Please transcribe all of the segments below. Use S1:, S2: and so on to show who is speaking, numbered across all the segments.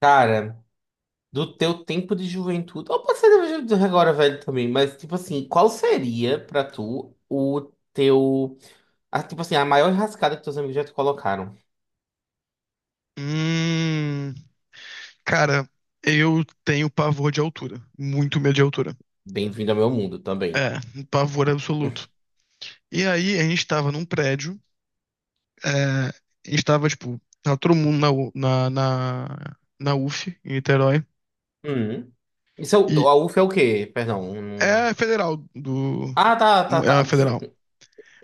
S1: Cara, do teu tempo de juventude, ou pode ser de agora velho também, mas tipo assim, qual seria pra tu o teu, a, tipo assim, a maior rascada que teus amigos já te colocaram?
S2: Hum, cara, eu tenho pavor de altura. Muito medo de altura.
S1: Bem-vindo ao meu mundo também.
S2: É, um pavor absoluto. E aí, a gente tava num prédio, é, a gente tava, tipo, tava todo mundo na, U- na, na UF, em Niterói,
S1: Hum. Isso é,
S2: e
S1: o- a UF é o quê? Perdão.
S2: é
S1: Hum.
S2: a federal do.
S1: Ah, tá, tá,
S2: É a
S1: tá.
S2: federal.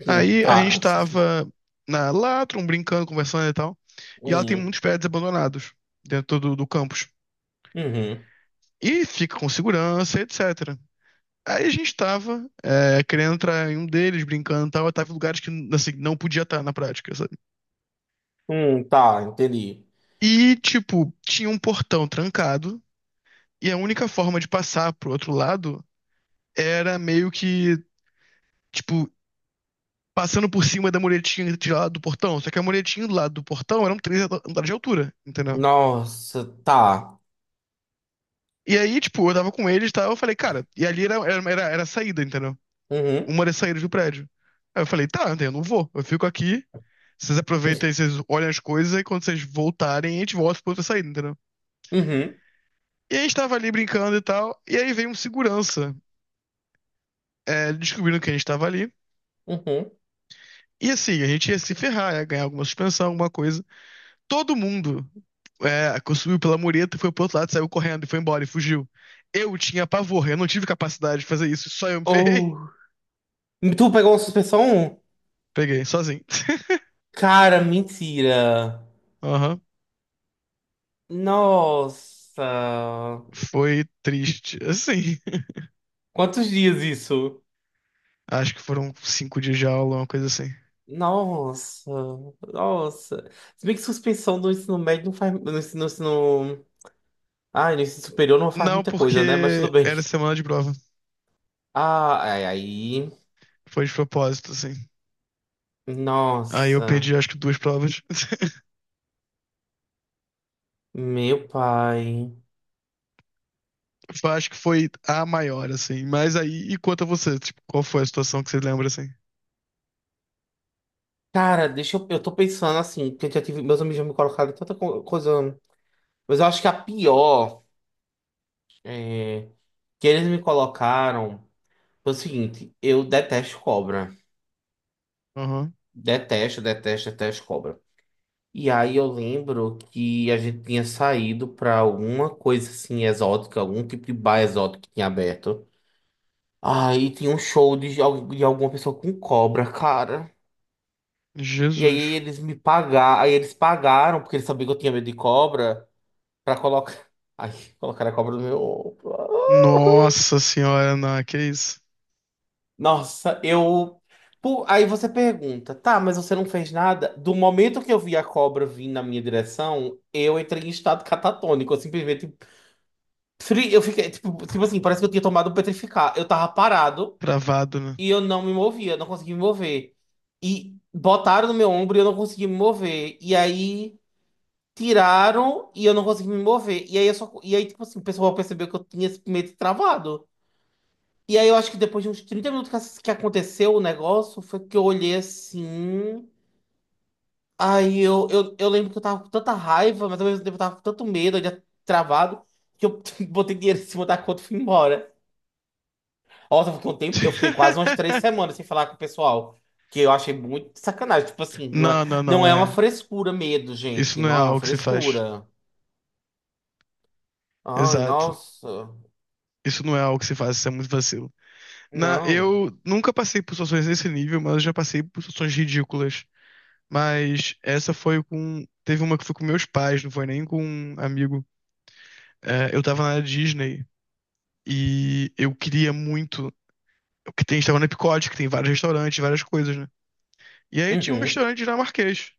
S2: Aí a
S1: Tá.
S2: gente tava na Latrum, brincando, conversando e tal, e ela tem
S1: Hum,
S2: muitos prédios abandonados dentro do campus.
S1: uhum.
S2: E fica com segurança, etc. Aí a gente tava querendo entrar em um deles, brincando e tal. Eu tava em lugares que assim, não podia estar na prática, sabe?
S1: Tá, entendi.
S2: E, tipo, tinha um portão trancado. E a única forma de passar pro outro lado era meio que, tipo, passando por cima da muretinha de lá do portão. Só que a muretinha do lado do portão eram três andares de altura, entendeu?
S1: Nossa, tá.
S2: E aí, tipo, eu tava com eles e tal. Eu falei, cara, e ali era a saída, entendeu?
S1: Uhum,
S2: Uma das saídas do prédio. Aí eu falei, tá, eu não vou. Eu fico aqui. Vocês aproveitam e vocês olham as coisas, e quando vocês voltarem, a gente volta pra outra saída, entendeu?
S1: uhum,
S2: E a gente tava ali brincando e tal, e aí veio um segurança, descobrindo que a gente tava ali.
S1: uhum.
S2: E assim, a gente ia se ferrar, ia ganhar alguma suspensão, alguma coisa. Todo mundo subiu pela mureta, foi pro outro lado, saiu correndo e foi embora e fugiu. Eu tinha pavor, eu não tive capacidade de fazer isso, só eu me ferrei.
S1: Oh. Tu pegou uma suspensão?
S2: Peguei, sozinho.
S1: Cara, mentira.
S2: Aham.
S1: Nossa.
S2: Foi triste, assim.
S1: Quantos dias isso?
S2: Acho que foram cinco dias de aula, uma coisa assim.
S1: Nossa. Nossa. Se bem que suspensão do ensino médio não faz. No ensino, no ensino... Ah, no ensino superior não faz
S2: Não,
S1: muita coisa, né? Mas tudo
S2: porque
S1: bem.
S2: era semana de prova.
S1: Ah, ai, aí.
S2: Foi de propósito, assim. Aí eu
S1: Nossa.
S2: perdi, acho que duas provas.
S1: Meu pai.
S2: Acho que foi a maior, assim. Mas aí, e quanto a você? Tipo, qual foi a situação que você lembra, assim?
S1: Cara, deixa eu. Eu tô pensando assim, porque eu já tive. Meus amigos já me colocaram em tanta co- coisa. Mas eu acho que a pior que eles me colocaram foi o seguinte: eu detesto cobra.
S2: Aham.
S1: Detesto, detesto, detesto cobra. E aí eu lembro que a gente tinha saído pra alguma coisa assim exótica, algum tipo de bar exótico que tinha aberto. Aí tinha um show de, al- de alguma pessoa com cobra, cara. E aí
S2: Jesus.
S1: eles me pagaram, aí eles pagaram, porque eles sabiam que eu tinha medo de cobra, pra colocar. Aí colocaram a cobra no meu ombro.
S2: Nossa senhora, não, que isso?
S1: Nossa, eu. Pô, aí você pergunta, tá, mas você não fez nada? Do momento que eu vi a cobra vir na minha direção, eu entrei em estado catatônico. Eu simplesmente. Fri- eu fiquei, tipo assim, parece que eu tinha tomado petrificar. Eu tava parado
S2: Travado, né?
S1: e eu não me movia, não conseguia me mover. E botaram no meu ombro e eu não conseguia me mover. E aí tiraram e eu não consegui me mover. E aí, eu só, e aí tipo assim, o pessoal percebeu que eu tinha esse medo travado. E aí eu acho que depois de uns 30 minutos que ass- que aconteceu o negócio, foi que eu olhei assim. Aí eu lembro que eu tava com tanta raiva, mas ao mesmo tempo eu tava com tanto medo, eu já travado, que eu botei dinheiro em cima da conta e fui embora. Nossa, eu fiquei um tempo, eu fiquei quase umas três semanas sem falar com o pessoal. Que eu achei muito sacanagem. Tipo assim, não é,
S2: Não, não,
S1: não
S2: não,
S1: é uma
S2: é.
S1: frescura medo,
S2: Isso
S1: gente.
S2: não é
S1: Não é uma
S2: algo que se faz.
S1: frescura. Ai,
S2: Exato.
S1: nossa.
S2: Isso não é algo que se faz, isso é muito vacilo. Na,
S1: Não.
S2: eu nunca passei por situações nesse nível, mas eu já passei por situações ridículas. Mas essa foi com. Teve uma que foi com meus pais, não foi nem com um amigo. É, eu tava na Disney e eu queria muito. Que tem, a gente estava na Epcot, que tem vários restaurantes, várias coisas, né? E aí tinha um
S1: Uhum.
S2: restaurante dinamarquês.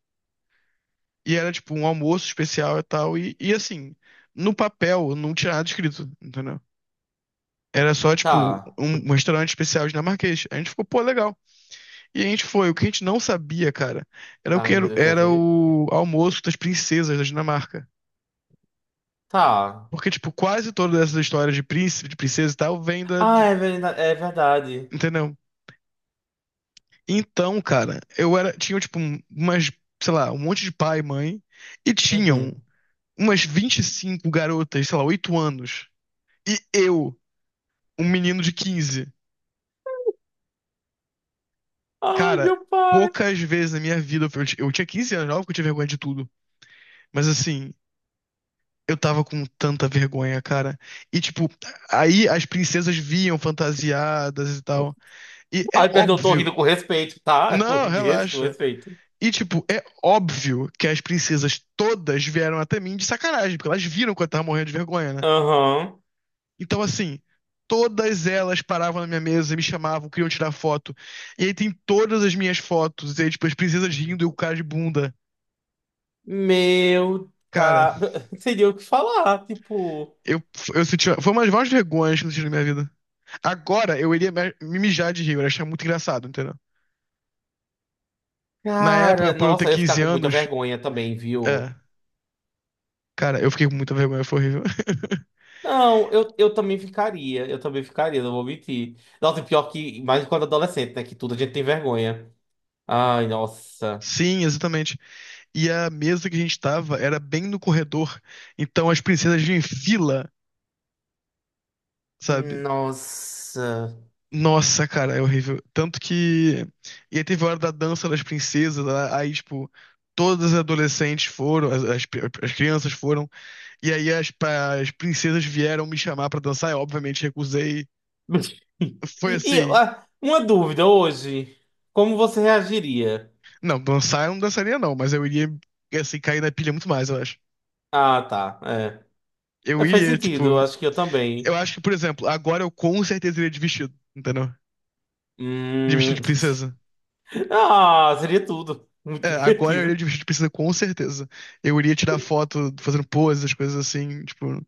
S2: E era tipo um almoço especial e tal. E assim, no papel não tinha nada escrito, entendeu? Era só, tipo,
S1: Tá.
S2: um restaurante especial dinamarquês. A gente ficou, pô, legal. E a gente foi. O que a gente não sabia, cara, era o que
S1: Ai, meu
S2: era,
S1: Deus, quer
S2: era
S1: ver?
S2: o almoço das princesas da Dinamarca.
S1: Tá.
S2: Porque, tipo, quase todas essas histórias de príncipe, de princesa e tal, vem da.
S1: Ah,
S2: De-
S1: é verdade. É verdade.
S2: entendeu? Então, cara, eu era. Tinha, tipo, um- umas, sei lá, um monte de pai e mãe. E tinham
S1: Uhum.
S2: umas 25 garotas, sei lá, 8 anos. E eu, um menino de 15,
S1: Ai,
S2: cara,
S1: meu pai.
S2: poucas vezes na minha vida. Eu tinha 15 anos, óbvio que eu tinha vergonha de tudo. Mas assim. Eu tava com tanta vergonha, cara. E, tipo, aí as princesas vinham fantasiadas e tal. E é
S1: Ai, perdão, eu tô
S2: óbvio.
S1: rindo com respeito, tá?
S2: Não,
S1: De res- com
S2: relaxa.
S1: respeito.
S2: E, tipo, é óbvio que as princesas todas vieram até mim de sacanagem, porque elas viram que eu tava morrendo de vergonha, né?
S1: Aham.
S2: Então, assim, todas elas paravam na minha mesa, me chamavam, queriam tirar foto. E aí tem todas as minhas fotos, e aí, tipo, as princesas rindo e o cara de bunda.
S1: Meu,
S2: Cara,
S1: cara. Seria o que falar, tipo.
S2: eu, eu senti. Foi uma das maiores vergonhas que eu senti na minha vida. Agora, eu iria me mijar de rir, eu ia achar muito engraçado, entendeu? Na época,
S1: Cara,
S2: por eu ter
S1: nossa, eu ia ficar
S2: 15
S1: com muita
S2: anos,
S1: vergonha também, viu?
S2: é. Cara, eu fiquei com muita vergonha, foi horrível.
S1: Não, eu também ficaria. Eu também ficaria, não vou mentir. Nossa, e pior que. Mais quando adolescente, né? Que tudo a gente tem vergonha. Ai, nossa.
S2: Sim, exatamente. E a mesa que a gente tava era bem no corredor. Então as princesas vinham em fila, sabe?
S1: Nossa.
S2: Nossa, cara, é horrível. Tanto que. E aí teve a hora da dança das princesas, lá, aí, tipo, todas as adolescentes foram, as crianças foram. E aí as, pa- as princesas vieram me chamar pra dançar, eu obviamente recusei. Foi
S1: E
S2: assim.
S1: ah, uma dúvida hoje. Como você reagiria?
S2: Não, dançar eu não dançaria, não, mas eu iria, assim, cair na pilha muito mais, eu acho.
S1: Ah, tá. É.
S2: Eu
S1: É, faz
S2: iria,
S1: sentido, eu
S2: tipo.
S1: acho que eu
S2: Eu
S1: também.
S2: acho que, por exemplo, agora eu com certeza iria de vestido, entendeu? De vestido
S1: Hum...
S2: de princesa.
S1: Ah, seria tudo. Muito
S2: É, agora eu iria
S1: divertido.
S2: de vestido de princesa com certeza. Eu iria tirar foto fazendo poses, coisas assim, tipo.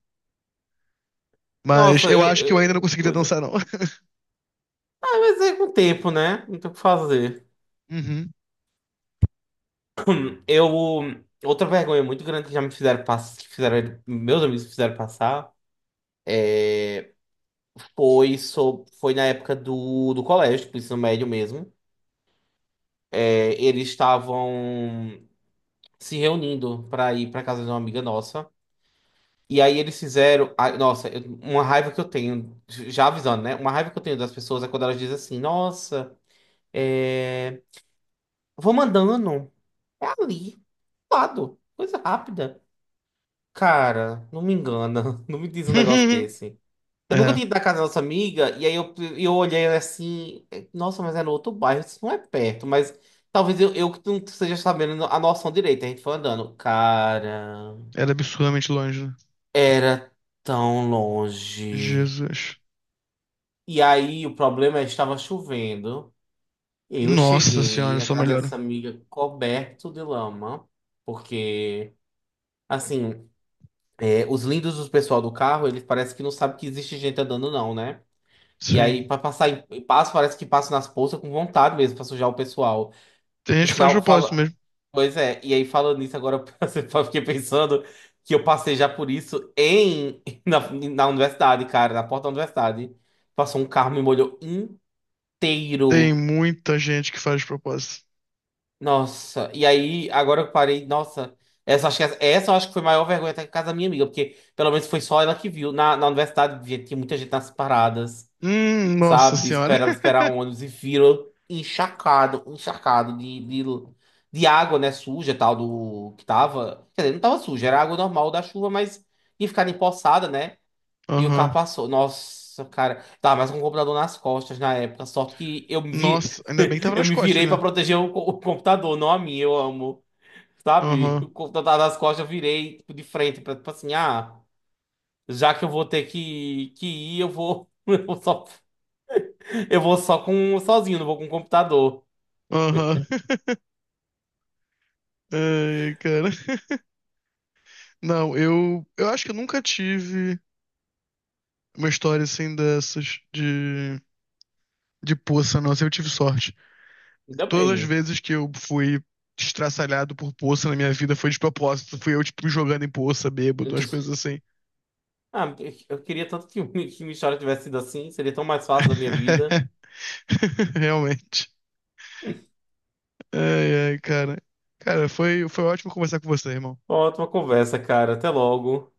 S2: Mas
S1: Nossa,
S2: eu acho que eu ainda não conseguiria
S1: coisa.
S2: dançar, não.
S1: É, mas é com o tempo, né? Não tem o que fazer.
S2: Uhum.
S1: Eu. Outra vergonha muito grande que já me fizeram passar, que fizeram, meus amigos fizeram passar, foi, so, foi na época do, do colégio, do ensino médio mesmo. É, eles estavam se reunindo para ir para casa de uma amiga nossa. E aí eles fizeram. Ai, nossa, eu- uma raiva que eu tenho, já avisando, né? Uma raiva que eu tenho das pessoas é quando elas dizem assim: nossa, é, vou mandando. É ali, do lado, coisa rápida. Cara, não me engana, não me diz um negócio desse. Eu nunca
S2: É,
S1: tinha ido na casa da nossa amiga, e aí eu olhei assim: é, nossa, mas é no outro bairro, isso não é perto, mas talvez eu que não esteja sabendo a noção direita. A gente foi andando. Cara,
S2: era absurdamente longe, né?
S1: era tão longe.
S2: Jesus.
S1: E aí o problema é que estava chovendo. Eu
S2: Nossa
S1: cheguei
S2: senhora,
S1: na
S2: só
S1: casa
S2: melhora.
S1: dessa amiga coberto de lama, porque assim, é, os lindos do pessoal do carro, eles parece que não sabem que existe gente andando não, né? E aí
S2: Sim.
S1: para passar em passo, parece que passa nas poças com vontade mesmo para sujar o pessoal.
S2: Tem gente
S1: Por
S2: que faz de
S1: sinal,
S2: propósito
S1: fala,
S2: mesmo.
S1: pois é. E aí falando nisso agora, eu fiquei pensando que eu passei já por isso em na universidade, cara, na porta da universidade. Passou um carro me molhou
S2: Tem
S1: inteiro.
S2: muita gente que faz de propósito.
S1: Nossa, e aí, agora eu parei. Nossa, essa, acho que, essa eu acho que foi a maior vergonha até que casa da minha amiga, porque pelo menos foi só ela que viu. Na, na universidade, gente, tinha muita gente nas paradas,
S2: Nossa
S1: sabe?
S2: senhora.
S1: Esperava esperar ônibus e viram encharcado, encharcado de água, né? Suja, tal, do que tava. Quer dizer, não tava suja, era água normal da chuva, mas ia ficar empoçada, né? E o
S2: Aham.
S1: carro passou. Nossa, cara. Tava mais com o computador nas costas na época. Sorte que eu me vi...
S2: Nossa, ainda bem que tava
S1: eu
S2: nas
S1: me
S2: costas,
S1: virei pra
S2: né?
S1: proteger o, co- o computador, não a mim. Eu amo. Sabe?
S2: Aham.
S1: O computador tava nas costas, eu virei tipo, de frente. Pra, tipo assim, ah, já que eu vou ter que ir, eu vou. Eu vou só, eu vou só com sozinho, não vou com o computador.
S2: Aham. Ai, cara. Não, eu acho que eu nunca tive uma história assim dessas de poça, não. Assim, eu tive sorte.
S1: Ainda
S2: Todas as
S1: bem.
S2: vezes que eu fui estraçalhado por poça na minha vida foi de propósito. Fui eu, tipo, jogando em poça, bêbado, umas coisas assim.
S1: Ah, eu queria tanto que, que minha história tivesse sido assim. Seria tão mais fácil da minha vida.
S2: Realmente. Ai, ai, cara. Cara, foi ótimo conversar com você, irmão.
S1: Ótima conversa, cara. Até logo.